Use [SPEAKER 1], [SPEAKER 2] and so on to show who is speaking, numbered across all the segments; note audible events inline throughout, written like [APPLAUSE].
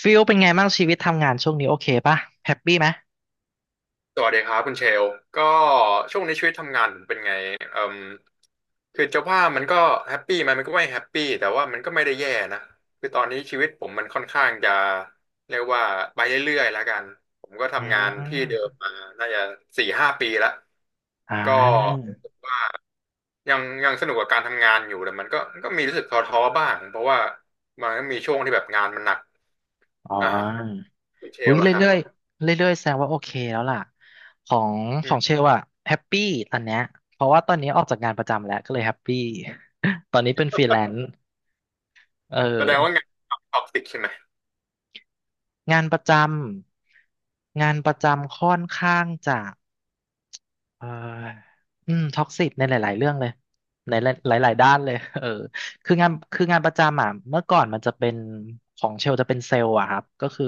[SPEAKER 1] ฟิลเป็นไงบ้างชีวิตทำงานช่วงนี้โอเคป่ะแฮปปี้ไหม
[SPEAKER 2] สวัสดีครับคุณเชลก็ช่วงนี้ชีวิตทำงานผมเป็นไงเอ่มคือจะว่ามันก็แฮปปี้ไหมมันก็ไม่แฮปปี้แต่ว่ามันก็ไม่ได้แย่นะคือตอนนี้ชีวิตผมมันค่อนข้างจะเรียกว่าไปเรื่อยๆแล้วกันผมก็
[SPEAKER 1] อื
[SPEAKER 2] ทำงานที่เดิม
[SPEAKER 1] ม
[SPEAKER 2] มาน่าจะสี่ห้าปีแล้ว
[SPEAKER 1] อ่า
[SPEAKER 2] ก็รู้สึกว่ายังสนุกกับการทำงานอยู่แต่มันก็มีรู้สึกท้อๆบ้างเพราะว่ามันก็มีช่วงที่แบบงานมันหนัก
[SPEAKER 1] อ๋อ
[SPEAKER 2] อ่าคุณเช
[SPEAKER 1] อุ้
[SPEAKER 2] ล
[SPEAKER 1] ย
[SPEAKER 2] ล่ะครับ
[SPEAKER 1] เรื่อยๆเรื่อยๆแสดงว่าโอเคแล้วล่ะของ
[SPEAKER 2] อื
[SPEAKER 1] ของเช
[SPEAKER 2] ม
[SPEAKER 1] ลอะแฮปปี้ตอนเนี้ยเพราะว่าตอนนี้ออกจากงานประจำแล้วก็เลยแฮปปี้ [LAUGHS] ตอนนี้เป็นฟรีแลนซ์เออ
[SPEAKER 2] แสดงว่างานท็อกซิกใช่ไหม
[SPEAKER 1] งานประจงานประจำค่อนข้างจะ เอ่ออืม ท็อกซิกในหลายๆเรื่องเลยในหลายๆด้านเลย [LAUGHS] เออคืองานประจำอ่ะเมื่อก่อนมันจะเป็นของเชลจะเป็นเซลล์อะครับ ก็คือ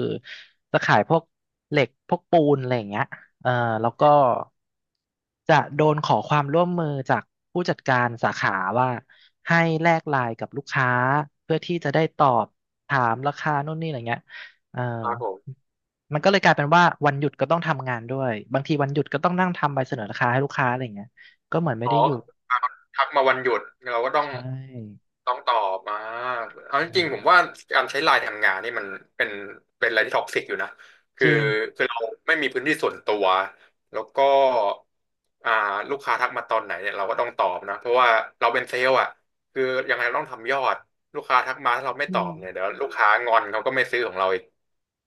[SPEAKER 1] จะขายพวกเหล็กพวกปูนอะไรอย่างเงี้ยเออแล้วก็จะโดนขอความร่วมมือจากผู้จัดการสาขาว่าให้แลกไลน์กับลูกค้าเพื่อที่จะได้ตอบถามราคานู่นนี่อะไรเงี้ยเออ
[SPEAKER 2] ครับผม
[SPEAKER 1] มันก็เลยกลายเป็นว่าวันหยุดก็ต้องทำงานด้วยบางทีวันหยุดก็ต้องนั่งทำใบเสนอราคาให้ลูกค้าอะไรอย่างเงี้ยก็เหมือนไม่
[SPEAKER 2] อ๋
[SPEAKER 1] ได้หยุด
[SPEAKER 2] อทักมาวันหยุดเราก็ต้อง
[SPEAKER 1] ใช่
[SPEAKER 2] ตอบมาเอาจ
[SPEAKER 1] เอ
[SPEAKER 2] ริงๆผม
[SPEAKER 1] อ
[SPEAKER 2] ว่าการใช้ไลน์ทำงานนี่มันเป็นเป็นอะไรที่ท็อกซิกอยู่นะ
[SPEAKER 1] จ
[SPEAKER 2] คือ
[SPEAKER 1] ริง
[SPEAKER 2] คือเราไม่มีพื้นที่ส่วนตัวแล้วก็อ่าลูกค้าทักมาตอนไหนเนี่ยเราก็ต้องตอบนะเพราะว่าเราเป็นเซลล์อ่ะคือยังไงเราต้องทำยอดลูกค้าทักมาถ้าเราไม่
[SPEAKER 1] อื
[SPEAKER 2] ตอบ
[SPEAKER 1] ม
[SPEAKER 2] เนี่ยเดี๋ยวลูกค้างอนเขาก็ไม่ซื้อของเราอีก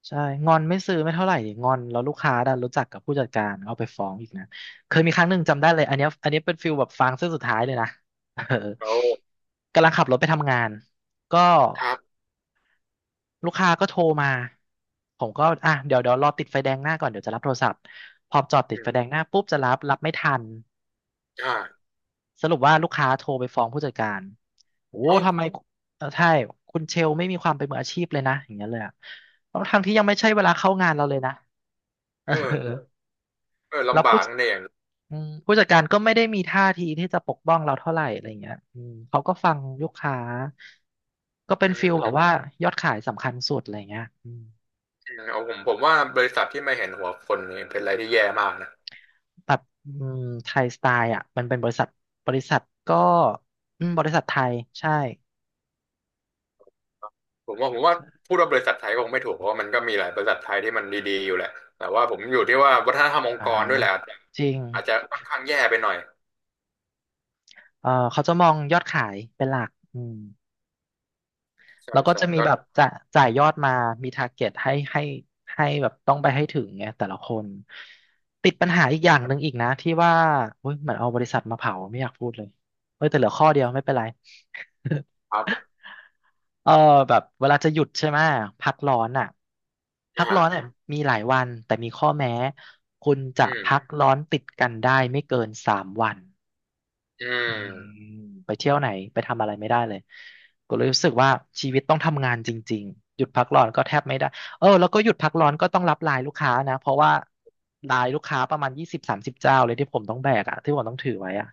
[SPEAKER 1] ใช่งอนไม่ซื้อไม่เท่าไหร่งอนแล้วลูกค้าดันรู้จักกับผู้จัดการเอาไปฟ้องอีกนะเคยมีครั้งหนึ่งจำได้เลยอันเนี้ยอันนี้เป็นฟิลแบบฟางเส้นสุดท้ายเลยนะ [LAUGHS] เออ
[SPEAKER 2] เขา
[SPEAKER 1] กำลังขับรถไปทำงานก็
[SPEAKER 2] ครับ
[SPEAKER 1] ลูกค้าก็โทรมาผมก็อ่ะเดี๋ยวรอติดไฟแดงหน้าก่อนเดี๋ยวจะรับโทรศัพท์พอจอดติ
[SPEAKER 2] อื
[SPEAKER 1] ดไฟแดง
[SPEAKER 2] ม
[SPEAKER 1] หน้าปุ๊บจะรับไม่ทัน
[SPEAKER 2] อ่า
[SPEAKER 1] สรุปว่าลูกค้าโทรไปฟ้องผู้จัดการโอ้
[SPEAKER 2] เอ้า
[SPEAKER 1] ทำไมเออใช่คุณเชลไม่มีความเป็นมืออาชีพเลยนะอย่างเงี้ยเลยอะทั้วทางที่ยังไม่ใช่เวลาเข้างานเราเลยนะ [LAUGHS] เอ
[SPEAKER 2] เออ
[SPEAKER 1] อ
[SPEAKER 2] เออ
[SPEAKER 1] แล้ว
[SPEAKER 2] ลำ
[SPEAKER 1] ผู้
[SPEAKER 2] บากนั่นเอง
[SPEAKER 1] อืมผู้จัดการก็ไม่ได้มีท่าทีที่จะปกป้องเราเท่าไหร่อะไรเงี้ยอืมเขาก็ฟังลูกค้า ก็เป็น
[SPEAKER 2] อืม
[SPEAKER 1] ฟิลแบ
[SPEAKER 2] อื
[SPEAKER 1] บ
[SPEAKER 2] ม
[SPEAKER 1] ว่ายอดขายสำคัญสุดอะไรเงี้ยอืม
[SPEAKER 2] เอาผมว่าบริษัทที่ไม่เห็นหัวคนนี่เป็นอะไรที่แย่มากนะ
[SPEAKER 1] แบบอืมไทยสไตล์อ่ะมันเป็นบริษัทก็อืมบริษัทไทยใช่
[SPEAKER 2] ผมว่าพูดว่าบริษัทไทยก็คงไม่ถูกเพราะว่ามันก็มีหลายบริษัทไทยที่มันดีๆอยู่แหละแต่ว่าผมอยู่ที่ว่าวัฒนธรรมอง
[SPEAKER 1] อ่า
[SPEAKER 2] ค์กรด้วยแหละอาจจะ
[SPEAKER 1] จริง
[SPEAKER 2] ค่อนข้างแย่ไปหน่อย
[SPEAKER 1] เออเขาจะมองยอดขายเป็นหลักอืม
[SPEAKER 2] ใช่
[SPEAKER 1] แล้วก็
[SPEAKER 2] ใช่
[SPEAKER 1] จะมี
[SPEAKER 2] ก็
[SPEAKER 1] แบบจะจ่ายยอดมามีทาร์เก็ตให้แบบต้องไปให้ถึงไงแต่ละคน ติดปัญหาอีกอย่างหนึ่งอีกนะที่ว่าเฮ้ยเหมือนเอาบริษัทมาเผาไม่อยากพูดเลย เฮ้ยแต่เหลือข้อเดียวไม่เป็นไร [LAUGHS]
[SPEAKER 2] ครับ
[SPEAKER 1] เออแบบเวลาจะหยุดใช่ไหมพักร้อนอ่ะพักร้อนอ่ะ
[SPEAKER 2] อ่า
[SPEAKER 1] มีหลายวันแต่มีข้อแม้คุณจะ
[SPEAKER 2] อืม
[SPEAKER 1] พักร้อนติดกันได้ไม่เกิน3 วัน
[SPEAKER 2] อื
[SPEAKER 1] อืม
[SPEAKER 2] ม
[SPEAKER 1] ไปเที่ยวไหนไปทำอะไรไม่ได้เลยก็เลยรู้สึกว่าชีวิตต้องทำงานจริงๆหยุดพักร้อนก็แทบไม่ได้เออแล้วก็หยุดพักร้อนก็ต้องรับไลน์ลูกค้านะเพราะว่าไลน์ลูกค้าประมาณ20-30 เจ้าเลยที่ผมต้องแบกอะที่ผมต้องถือไว้อะ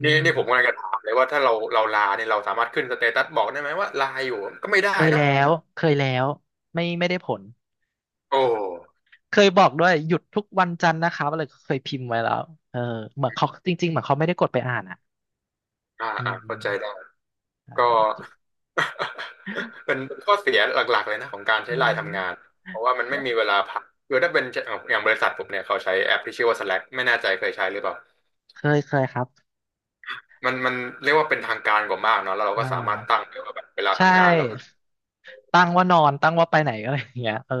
[SPEAKER 1] อื
[SPEAKER 2] นี่
[SPEAKER 1] ม
[SPEAKER 2] นี่ผมกำลังจะถามเลยว่าถ้าเราลาเนี่ยเราสามารถขึ้นสเตตัสบอกได้ไหมว่าลาอยู่ก็ไม่ได้
[SPEAKER 1] เคย
[SPEAKER 2] เนาะ
[SPEAKER 1] แล้วเคยแล้วไม่ได้ผล
[SPEAKER 2] โอ้
[SPEAKER 1] เคยบอกด้วยหยุดทุกวันจันทร์นะคะอะไรก็เคยพิมพ์ไว้แล้วเออเหมือนเขาจริงๆเหมือนเขาไม่ได้กดไปอ่านอ่ะอื
[SPEAKER 2] อ่าเข้า
[SPEAKER 1] ม
[SPEAKER 2] ใจได้
[SPEAKER 1] ใช
[SPEAKER 2] ก็
[SPEAKER 1] ่
[SPEAKER 2] [LAUGHS] เป็นข้อเสียหลักๆเลยนะของการใช้
[SPEAKER 1] อื
[SPEAKER 2] ไลน์ทำงาน
[SPEAKER 1] ม
[SPEAKER 2] เพราะว่ามันไม่มีเวลาพักคือถ้าเป็นอย่างบริษัทผมเนี่ยเขาใช้แอปที่ชื่อว่า Slack ไม่แน่ใจเคยใช้หรือเปล่า
[SPEAKER 1] เคยครับ
[SPEAKER 2] มันเรียกว่าเป็นทางการกว่ามากเนาะแล้วเรา
[SPEAKER 1] เอ่า
[SPEAKER 2] ก็สามารถตั้งได้ว่าแบบเวลา
[SPEAKER 1] ใช
[SPEAKER 2] ทำงานเราคือ
[SPEAKER 1] ่ ตั้งว่านอนตั้งว่าไปไหนอะไรอย่างเงี้ยเออ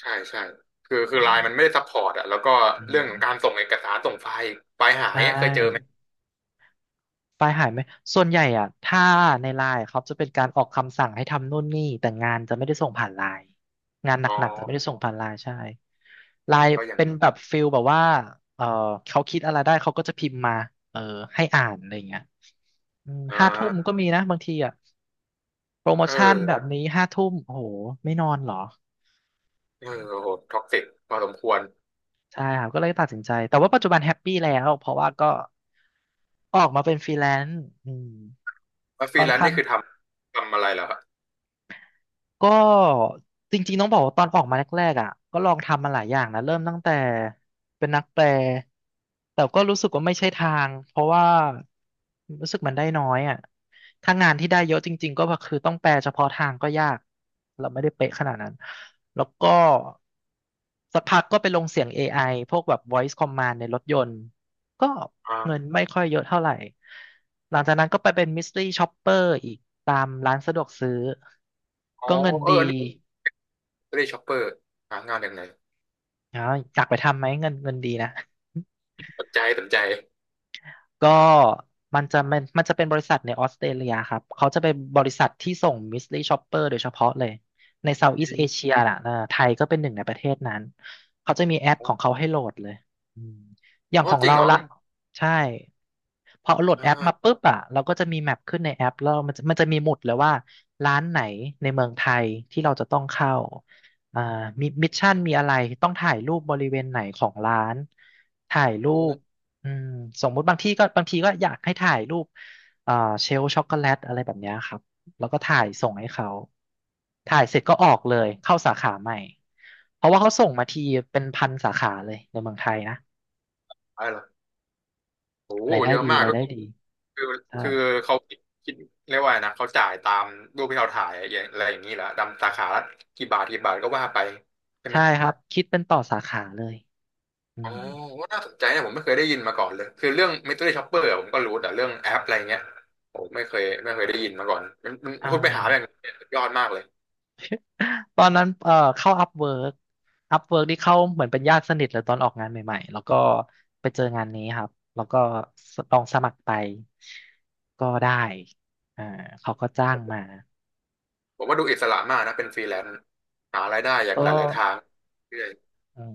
[SPEAKER 2] ใช่ใช่คือไลน์มันไม่ได้ซัพพอร์ตอะแล้วก็
[SPEAKER 1] อืม
[SPEAKER 2] เรื่องของการส่งเอกสารส่งไฟล์ไฟล์หา
[SPEAKER 1] ใช
[SPEAKER 2] ยเนี่ยเคยเจอไหม
[SPEAKER 1] ่ไฟล์หายไหมส่วนใหญ่อ่ะถ้าในไลน์เขาจะเป็นการออกคำสั่งให้ทำนู่นนี่แต่งานจะไม่ได้ส่งผ่านไลน์งานห
[SPEAKER 2] อ๋อ
[SPEAKER 1] นักๆจะไม่ได้ส่งผ่านไลน์ใช่ไลน์
[SPEAKER 2] ก็อย่าง
[SPEAKER 1] เป็น
[SPEAKER 2] ดี
[SPEAKER 1] แบบฟิลแบบว่าเออเขาคิดอะไรได้เขาก็จะพิมพ์มาเออให้อ่านอะไรอย่างเงี้ย
[SPEAKER 2] อ่
[SPEAKER 1] ห้าทุ่มห้าทุ่มก็
[SPEAKER 2] า
[SPEAKER 1] มีนะบางทีอ่ะโปรโม
[SPEAKER 2] เอ
[SPEAKER 1] ชั่น
[SPEAKER 2] อ
[SPEAKER 1] แบบนี้ห้าทุ่มโอ้โหไม่นอนเหรอ
[SPEAKER 2] เออโอ้โหท็อกซิกพอสมควร
[SPEAKER 1] ใช่ครับก็เลยตัดสินใจแต่ว่าปัจจุบันแฮปปี้แล้วเพราะว่าก็ออกมาเป็นฟรีแลนซ์อืม
[SPEAKER 2] แล้วฟรี
[SPEAKER 1] ค่อน
[SPEAKER 2] แลนซ์
[SPEAKER 1] ข้าง
[SPEAKER 2] นี่คือทำอะไรเหรอครับ
[SPEAKER 1] ก็จริงๆต้องบอกว่าตอนออกมาแรกๆอ่ะก็ลองทำมาหลายอย่างนะเริ่มตั้งแต่เป็นนักแปลแต่ก็รู้สึกว่าไม่ใช่ทางเพราะว่ารู้สึกมันได้น้อยอ่ะถ้างานที่ได้เยอะจริงๆก็คือต้องแปลเฉพาะทางก็ยากเราไม่ได้เป๊ะขนาดนั้นแล้วก็สักพักก็ไปลงเสียง a อไอพวกแบบ voice command ในรถยนต์ ก็
[SPEAKER 2] อา
[SPEAKER 1] เงินไม่ค่อยเยอะเท่าไหร่ หลังจากนั้นก็ไปเป็นมิส t รี s ช็อปเปอร์อีกตามร้านสะดวกซื้อ
[SPEAKER 2] อ๋อ
[SPEAKER 1] ก็เงิน
[SPEAKER 2] เออ
[SPEAKER 1] ดี
[SPEAKER 2] เร่ช็อปเปอร์หางานยังไง
[SPEAKER 1] อ๋ออยากไปทำไหมเงินดีนะ
[SPEAKER 2] สนใจสนใจ
[SPEAKER 1] ก็มันจะเป็นบริษัทในออสเตรเลียครับเขาจะเป็นบริษัทที่ส่งมิสลี y ช็อปเปอร์โดยเฉพาะเลยในเซาท์อีส
[SPEAKER 2] อื
[SPEAKER 1] t เอ
[SPEAKER 2] ม
[SPEAKER 1] เชียน่ะเออไทยก็เป็นหนึ่งในประเทศนั้นเขาจะมีแอป
[SPEAKER 2] ค
[SPEAKER 1] ข
[SPEAKER 2] รั
[SPEAKER 1] องเขา
[SPEAKER 2] บ
[SPEAKER 1] ให้โหลดเลยอืมอย่าง
[SPEAKER 2] โอ้
[SPEAKER 1] ของ
[SPEAKER 2] จริง
[SPEAKER 1] เรา
[SPEAKER 2] เหรอ
[SPEAKER 1] ละ
[SPEAKER 2] ก็
[SPEAKER 1] ใช่พอโหล
[SPEAKER 2] อ
[SPEAKER 1] ดแอปมา
[SPEAKER 2] ่า
[SPEAKER 1] ปุ๊บอ่ะเราก็จะมีแมปขึ้นในแอปแล้วมันจะมันจะมีหมุดเลยว่าร้านไหนในเมืองไทยที่เราจะต้องเข้าอ่ามีมิชชั่นมีอะไรต้องถ่ายรูปบริเวณไหนของร้านถ่ายรู
[SPEAKER 2] เอ
[SPEAKER 1] ป
[SPEAKER 2] อะ
[SPEAKER 1] อืมสมมุติบางที่ก็บางทีก็อยากให้ถ่ายรูปอ่าเชลช็อกโกแลตอะไรแบบเนี้ยครับแล้วก็ถ่ายส่งให้เขาถ่ายเสร็จก็ออกเลยเข้าสาขาใหม่เพราะว่าเขาส่งมาทีเป็นพันสาขาเลยในเมืองไทยนะ
[SPEAKER 2] อะไรล่ะโอ้โห
[SPEAKER 1] รายได้
[SPEAKER 2] เยอะ
[SPEAKER 1] ดี
[SPEAKER 2] มาก
[SPEAKER 1] ราย
[SPEAKER 2] ก็
[SPEAKER 1] ได้ดี
[SPEAKER 2] คือ
[SPEAKER 1] ใช่
[SPEAKER 2] คือเขาคิดเรียกว่าไงนะเขาจ่ายตามรูปที่เราถ่ายอย่างอะไรอย่างนี้แหละดำสาขาละกี่บาทก็ว่าไปใช่ไหม
[SPEAKER 1] ใช่ครับคิดเป็นต่อสาขาเลยอื
[SPEAKER 2] อ๋อ
[SPEAKER 1] ม
[SPEAKER 2] ก็น่าสนใจนะผมไม่เคยได้ยินมาก่อนเลยคือเรื่อง mystery shopper อะผมก็รู้แต่เรื่องแอปอะไรเงี้ยผมไม่เคยได้ยินมาก่อนมัน
[SPEAKER 1] อ่
[SPEAKER 2] คุณไปหาแบบน
[SPEAKER 1] า
[SPEAKER 2] ี้สุดยอดมากเลย
[SPEAKER 1] ตอนนั้นเข้าอัพเวิร์กอัพเวิร์กที่เข้าเหมือนเป็นญาติสนิทเลยตอนออกงานใหม่ๆแล้วก็ไปเจองานนี้ครับแล้วก็ลองสมัครไปก็ได้อ่าเขาก็จ้างมา
[SPEAKER 2] ผมว่าดูอิสระมากนะเป็นฟรีแลนซ์หารายได้จาก
[SPEAKER 1] ก็
[SPEAKER 2] หลายๆทางเรื่อย
[SPEAKER 1] อืม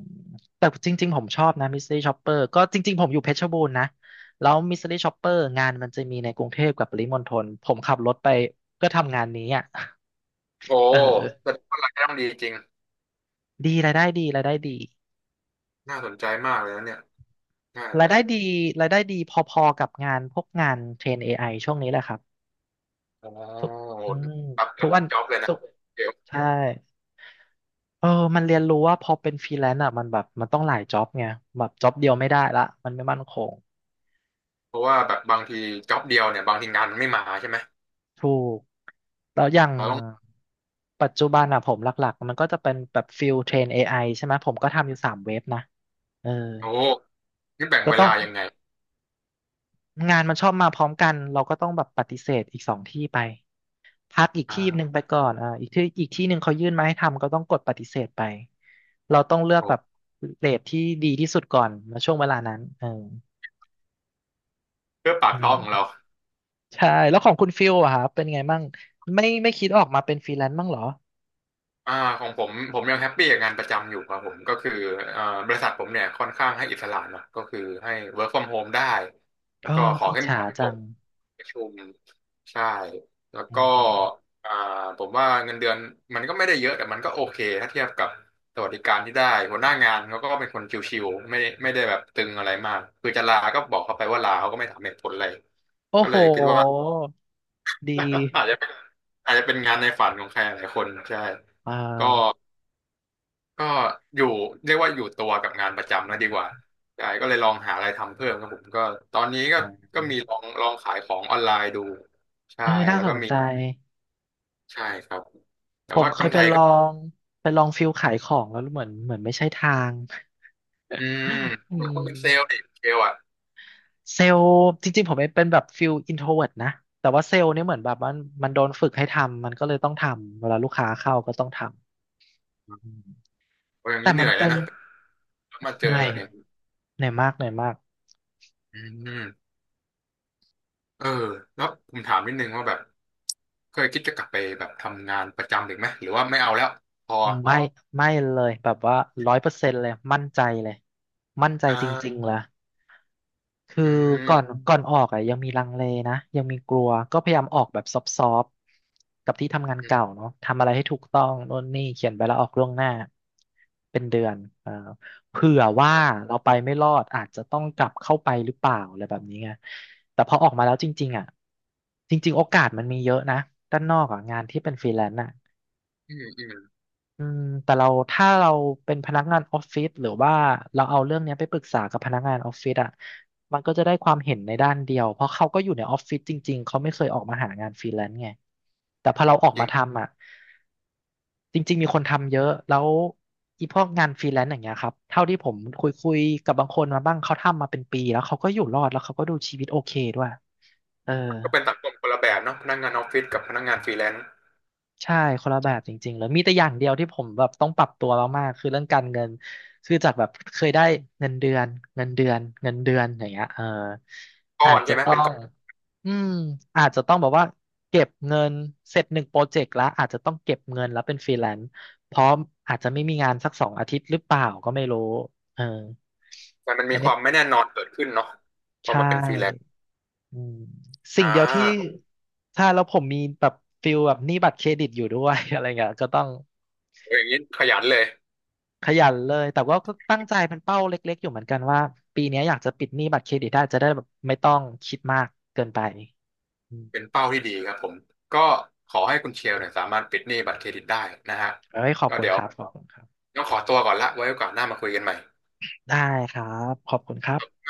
[SPEAKER 1] แต่จริงๆผมชอบนะมิสซิลี่ช็อปเปอร์ก็จริงๆผมอยู่เพชรบูรณ์นะแล้วมิสซ e r ี่ช็อปเปอร์งานมันจะมีในกรุงเทพกับปริมณฑลผมขับรถไปเพื่อทำงานนี้อ่ะ [LAUGHS]
[SPEAKER 2] โอ้
[SPEAKER 1] เ
[SPEAKER 2] แส
[SPEAKER 1] ออ
[SPEAKER 2] ดงว่ารายได้ต้องดีจริง
[SPEAKER 1] ดีรายได้ดีรายได้ดี
[SPEAKER 2] น่าสนใจมากเลยนะเนี่ยน่า
[SPEAKER 1] ราย
[SPEAKER 2] จะ
[SPEAKER 1] ได้ดีรายได้ดีพอๆกับงานพวกงานเทรน AI ช่วงนี้แหละครับ
[SPEAKER 2] อ๋อ
[SPEAKER 1] ทุก
[SPEAKER 2] โห
[SPEAKER 1] อืม
[SPEAKER 2] รับ
[SPEAKER 1] ทุ
[SPEAKER 2] กั
[SPEAKER 1] ก
[SPEAKER 2] บ
[SPEAKER 1] วัน
[SPEAKER 2] จ็อบเลย
[SPEAKER 1] ทุ
[SPEAKER 2] นะ
[SPEAKER 1] ก
[SPEAKER 2] เดี๋ยว
[SPEAKER 1] ใช่เออมันเรียนรู้ว่าพอเป็นฟรีแลนซ์อ่ะมันแบบมันต้องหลายจ็อบไงแบบจ็อบเดียวไม่ได้ละมันไม่มั่นคง
[SPEAKER 2] เพราะว่าแบบบางทีจ็อบเดียวเนี่ยบางทีงานมันไม่มาใช่ไหม
[SPEAKER 1] ถูกแล้วอย่าง
[SPEAKER 2] เราต้อง
[SPEAKER 1] ปัจจุบันอ่ะผมหลักๆมันก็จะเป็นแบบฟิลเทรน AI ใช่ไหมผมก็ทำอยู่3 เว็บนะเออ
[SPEAKER 2] โอ้นี่แบ่ง
[SPEAKER 1] ก็
[SPEAKER 2] เว
[SPEAKER 1] ต้อง
[SPEAKER 2] ลายังไง
[SPEAKER 1] งานมันชอบมาพร้อมกันเราก็ต้องแบบปฏิเสธอีก2 ที่ไป พักอีกที่หนึ่ง
[SPEAKER 2] อ่า
[SPEAKER 1] ไปก่อนอีกที่หนึ่งเขายื่นมาให้ทำก็ต้องกดปฏิเสธไปเราต้องเลือก
[SPEAKER 2] โอ้
[SPEAKER 1] แบบเรทที่ดีที่สุดก่อนมาช่วงเวลานั้นเออ
[SPEAKER 2] เพื่อปาก
[SPEAKER 1] อื
[SPEAKER 2] ท้องของเรา
[SPEAKER 1] มใช่แล้วของคุณฟิลอะครับเป็นไงบ้างไม่คิดออกมาเป็นฟรีแลนซ์บ้างเหรอ
[SPEAKER 2] อ่าของผมยังแฮปปี้กับงานประจำอยู่ครับผมก็คือบริษัทผมเนี่ยค่อนข้างให้อิสระเนอะก็คือให้ work from home ได้แล้
[SPEAKER 1] เอ
[SPEAKER 2] ว
[SPEAKER 1] อ
[SPEAKER 2] ก็ขอ
[SPEAKER 1] อิจ
[SPEAKER 2] แค่มี
[SPEAKER 1] ฉา
[SPEAKER 2] ส่
[SPEAKER 1] จัง
[SPEAKER 2] งประชุมใช่แล้ว
[SPEAKER 1] อื
[SPEAKER 2] ก็
[SPEAKER 1] ม
[SPEAKER 2] อ่าผมว่าเงินเดือนมันก็ไม่ได้เยอะแต่มันก็โอเคถ้าเทียบกับสวัสดิการที่ได้หัวหน้างานเขาก็เป็นคนชิวๆไม่ได้แบบตึงอะไรมากคือจะลาก็บอกเขาไปว่าลาเขาก็ไม่ถามเหตุผลอะไร
[SPEAKER 1] โอ้
[SPEAKER 2] ก็
[SPEAKER 1] โห
[SPEAKER 2] เลยคิดว่า
[SPEAKER 1] ดี
[SPEAKER 2] [LAUGHS] อาจจะเป็นงานในฝันของใครหลายคนใช่
[SPEAKER 1] อ่
[SPEAKER 2] ก็
[SPEAKER 1] า
[SPEAKER 2] ก็อยู่เรียกว่าอยู่ตัวกับงานประ
[SPEAKER 1] อื
[SPEAKER 2] จำนะ
[SPEAKER 1] ม
[SPEAKER 2] ดีกว่าใช่ก็เลยลองหาอะไรทำเพิ่มครับผมก็ตอนนี้ก็
[SPEAKER 1] อ่า
[SPEAKER 2] ก็มีลองขายของออนไลน์ดูใช่
[SPEAKER 1] เออน่า
[SPEAKER 2] แล้ว
[SPEAKER 1] ส
[SPEAKER 2] ก็
[SPEAKER 1] น
[SPEAKER 2] มี
[SPEAKER 1] ใจ
[SPEAKER 2] ใช่ครับแต่
[SPEAKER 1] ผม
[SPEAKER 2] ว่า
[SPEAKER 1] เคย
[SPEAKER 2] กำไรก็
[SPEAKER 1] งไปลองฟิลขายของแล้วเหมือนไม่ใช่ทาง
[SPEAKER 2] อืม
[SPEAKER 1] [LAUGHS] อื
[SPEAKER 2] เหมือนคุเป็นเซล
[SPEAKER 1] ม
[SPEAKER 2] ล์ดิเซลล์อ่ะ
[SPEAKER 1] เซลล์จริงๆผมเป็นแบบฟิลอินโทรเวิร์ตนะแต่ว่าเซลล์เนี่ยเหมือนแบบมันโดนฝึกให้ทำมันก็เลยต้องทำเวลาลูกค้าเข้าก็ต้องทำอืม
[SPEAKER 2] โอ้ยอย่าง
[SPEAKER 1] แต่
[SPEAKER 2] นี้เห
[SPEAKER 1] มั
[SPEAKER 2] นื่
[SPEAKER 1] น
[SPEAKER 2] อยเล
[SPEAKER 1] เป็
[SPEAKER 2] ย
[SPEAKER 1] น
[SPEAKER 2] นะแล้วมาเจ
[SPEAKER 1] เห
[SPEAKER 2] อ
[SPEAKER 1] นื่อย
[SPEAKER 2] อย่างนี้
[SPEAKER 1] เหนื่อยมากเหนื่อยมาก
[SPEAKER 2] อืมเออแล้วผมถามนิดนึงว่าแบบเคยคิดจะกลับไปแบบทำงานประจำอีกไหมหรือว่าไม่เอาแล้วพอ
[SPEAKER 1] ไม่ไม่เลยแบบว่า100%เลยมั่นใจเลยมั่นใจ
[SPEAKER 2] อ่
[SPEAKER 1] จริง
[SPEAKER 2] า
[SPEAKER 1] ๆเลย คือ
[SPEAKER 2] อื
[SPEAKER 1] ก่อน
[SPEAKER 2] ม
[SPEAKER 1] ก่อนออกอ่ะยังมีลังเลนะยังมีกลัวก็พยายามออกแบบซอฟต์ๆกับที่ทำงาน
[SPEAKER 2] อื
[SPEAKER 1] เก่า
[SPEAKER 2] ม
[SPEAKER 1] เนาะทำอะไรให้ถูกต้องโน่นนี่เขียนใบลาออกล่วงหน้าเป็นเดือนเออเผื่อว่าเราไปไม่รอดอาจจะต้องกลับเข้าไปหรือเปล่าอะไรแบบนี้ไงแต่พอออกมาแล้วจริงๆอ่ะจริงๆโอกาสมันมีเยอะนะด้านนอกอ่ะงานที่เป็นฟรีแลนซ์อ่ะ
[SPEAKER 2] อืมอืม
[SPEAKER 1] อืมแต่เราถ้าเราเป็นพนักงานออฟฟิศหรือว่าเราเอาเรื่องเนี้ยไปปรึกษากับพนักงานออฟฟิศอ่ะมันก็จะได้ความเห็นในด้านเดียวเพราะเขาก็อยู่ในออฟฟิศจริงๆเขาไม่เคยออกมาหางานฟรีแลนซ์ไงแต่พอเราออก
[SPEAKER 2] จริ
[SPEAKER 1] มา
[SPEAKER 2] ง
[SPEAKER 1] ทำอ่ะจริงๆมีคนทำเยอะแล้วอีพวกงานฟรีแลนซ์อย่างเงี้ยครับเท่าที่ผมคุยกับบางคนมาบ้างเขาทำมาเป็นปีแล้วเขาก็อยู่รอดแล้วเขาก็ดูชีวิตโอเคด้วยเออ
[SPEAKER 2] ก็เป็นสังคมคนละแบบเนาะพนักงานออฟฟิศกับพนักงานฟรีแลนซ์
[SPEAKER 1] ใช่คนละแบบจริงๆเลยมีแต่อย่างเดียวที่ผมแบบต้องปรับตัวมากๆคือเรื่องการเงินคือจากแบบเคยได้เงินเดือนเงินเดือนเงินเดือนอย่างเงี้ยเออ
[SPEAKER 2] ก้
[SPEAKER 1] อา
[SPEAKER 2] อ
[SPEAKER 1] จ
[SPEAKER 2] น
[SPEAKER 1] จะ
[SPEAKER 2] ใช่ไหม
[SPEAKER 1] ต้อ
[SPEAKER 2] เป็น
[SPEAKER 1] ง
[SPEAKER 2] ก้อน
[SPEAKER 1] อืมอาจจะต้องแบบว่าเก็บเงินเสร็จ1 โปรเจกต์แล้วอาจจะต้องเก็บเงินแล้วเป็นฟรีแลนซ์เพราะอาจจะไม่มีงานสัก2 อาทิตย์หรือเปล่าก็ไม่รู้เออ
[SPEAKER 2] แต่มันมี
[SPEAKER 1] อัน
[SPEAKER 2] ค
[SPEAKER 1] นี้
[SPEAKER 2] วามไม่แน่นอนเกิดขึ้นเนาะพ
[SPEAKER 1] ใช
[SPEAKER 2] อมาเป็นฟรีแลนซ์
[SPEAKER 1] ่อืมสิ่
[SPEAKER 2] อ่
[SPEAKER 1] งเดียวที่
[SPEAKER 2] า
[SPEAKER 1] ถ้าแล้วผมมีแบบฟิลแบบหนี้บัตรเครดิตอยู่ด้วย [LAUGHS] อะไรเงี้ยก็ต้อง
[SPEAKER 2] โอ้ยอย่างนี้ขยันเลย
[SPEAKER 1] ขยันเลย แต่ว่าก็ตั้งใจเป็นเป้าเล็กๆอยู่เหมือนกันว่าปีเนี้ยอยากจะปิดหนี้บัตรเครดิตได้จะได้แบบไม่ต้องคิดมากเกินไปอืม
[SPEAKER 2] เป็นเป้าที่ดีครับผมก็ขอให้คุณเชลเนี่ยสามารถปิดหนี้บัตรเครดิตได้นะฮะ
[SPEAKER 1] ไว้ขอบ
[SPEAKER 2] ก็
[SPEAKER 1] คุณ
[SPEAKER 2] เดี๋ยว
[SPEAKER 1] ครับขอบคุณครับ
[SPEAKER 2] ต้องขอตัวก่อนละไว้โอกาสหน้ามาคุยกันใหม่
[SPEAKER 1] ได้ครับ ขอบคุณครับ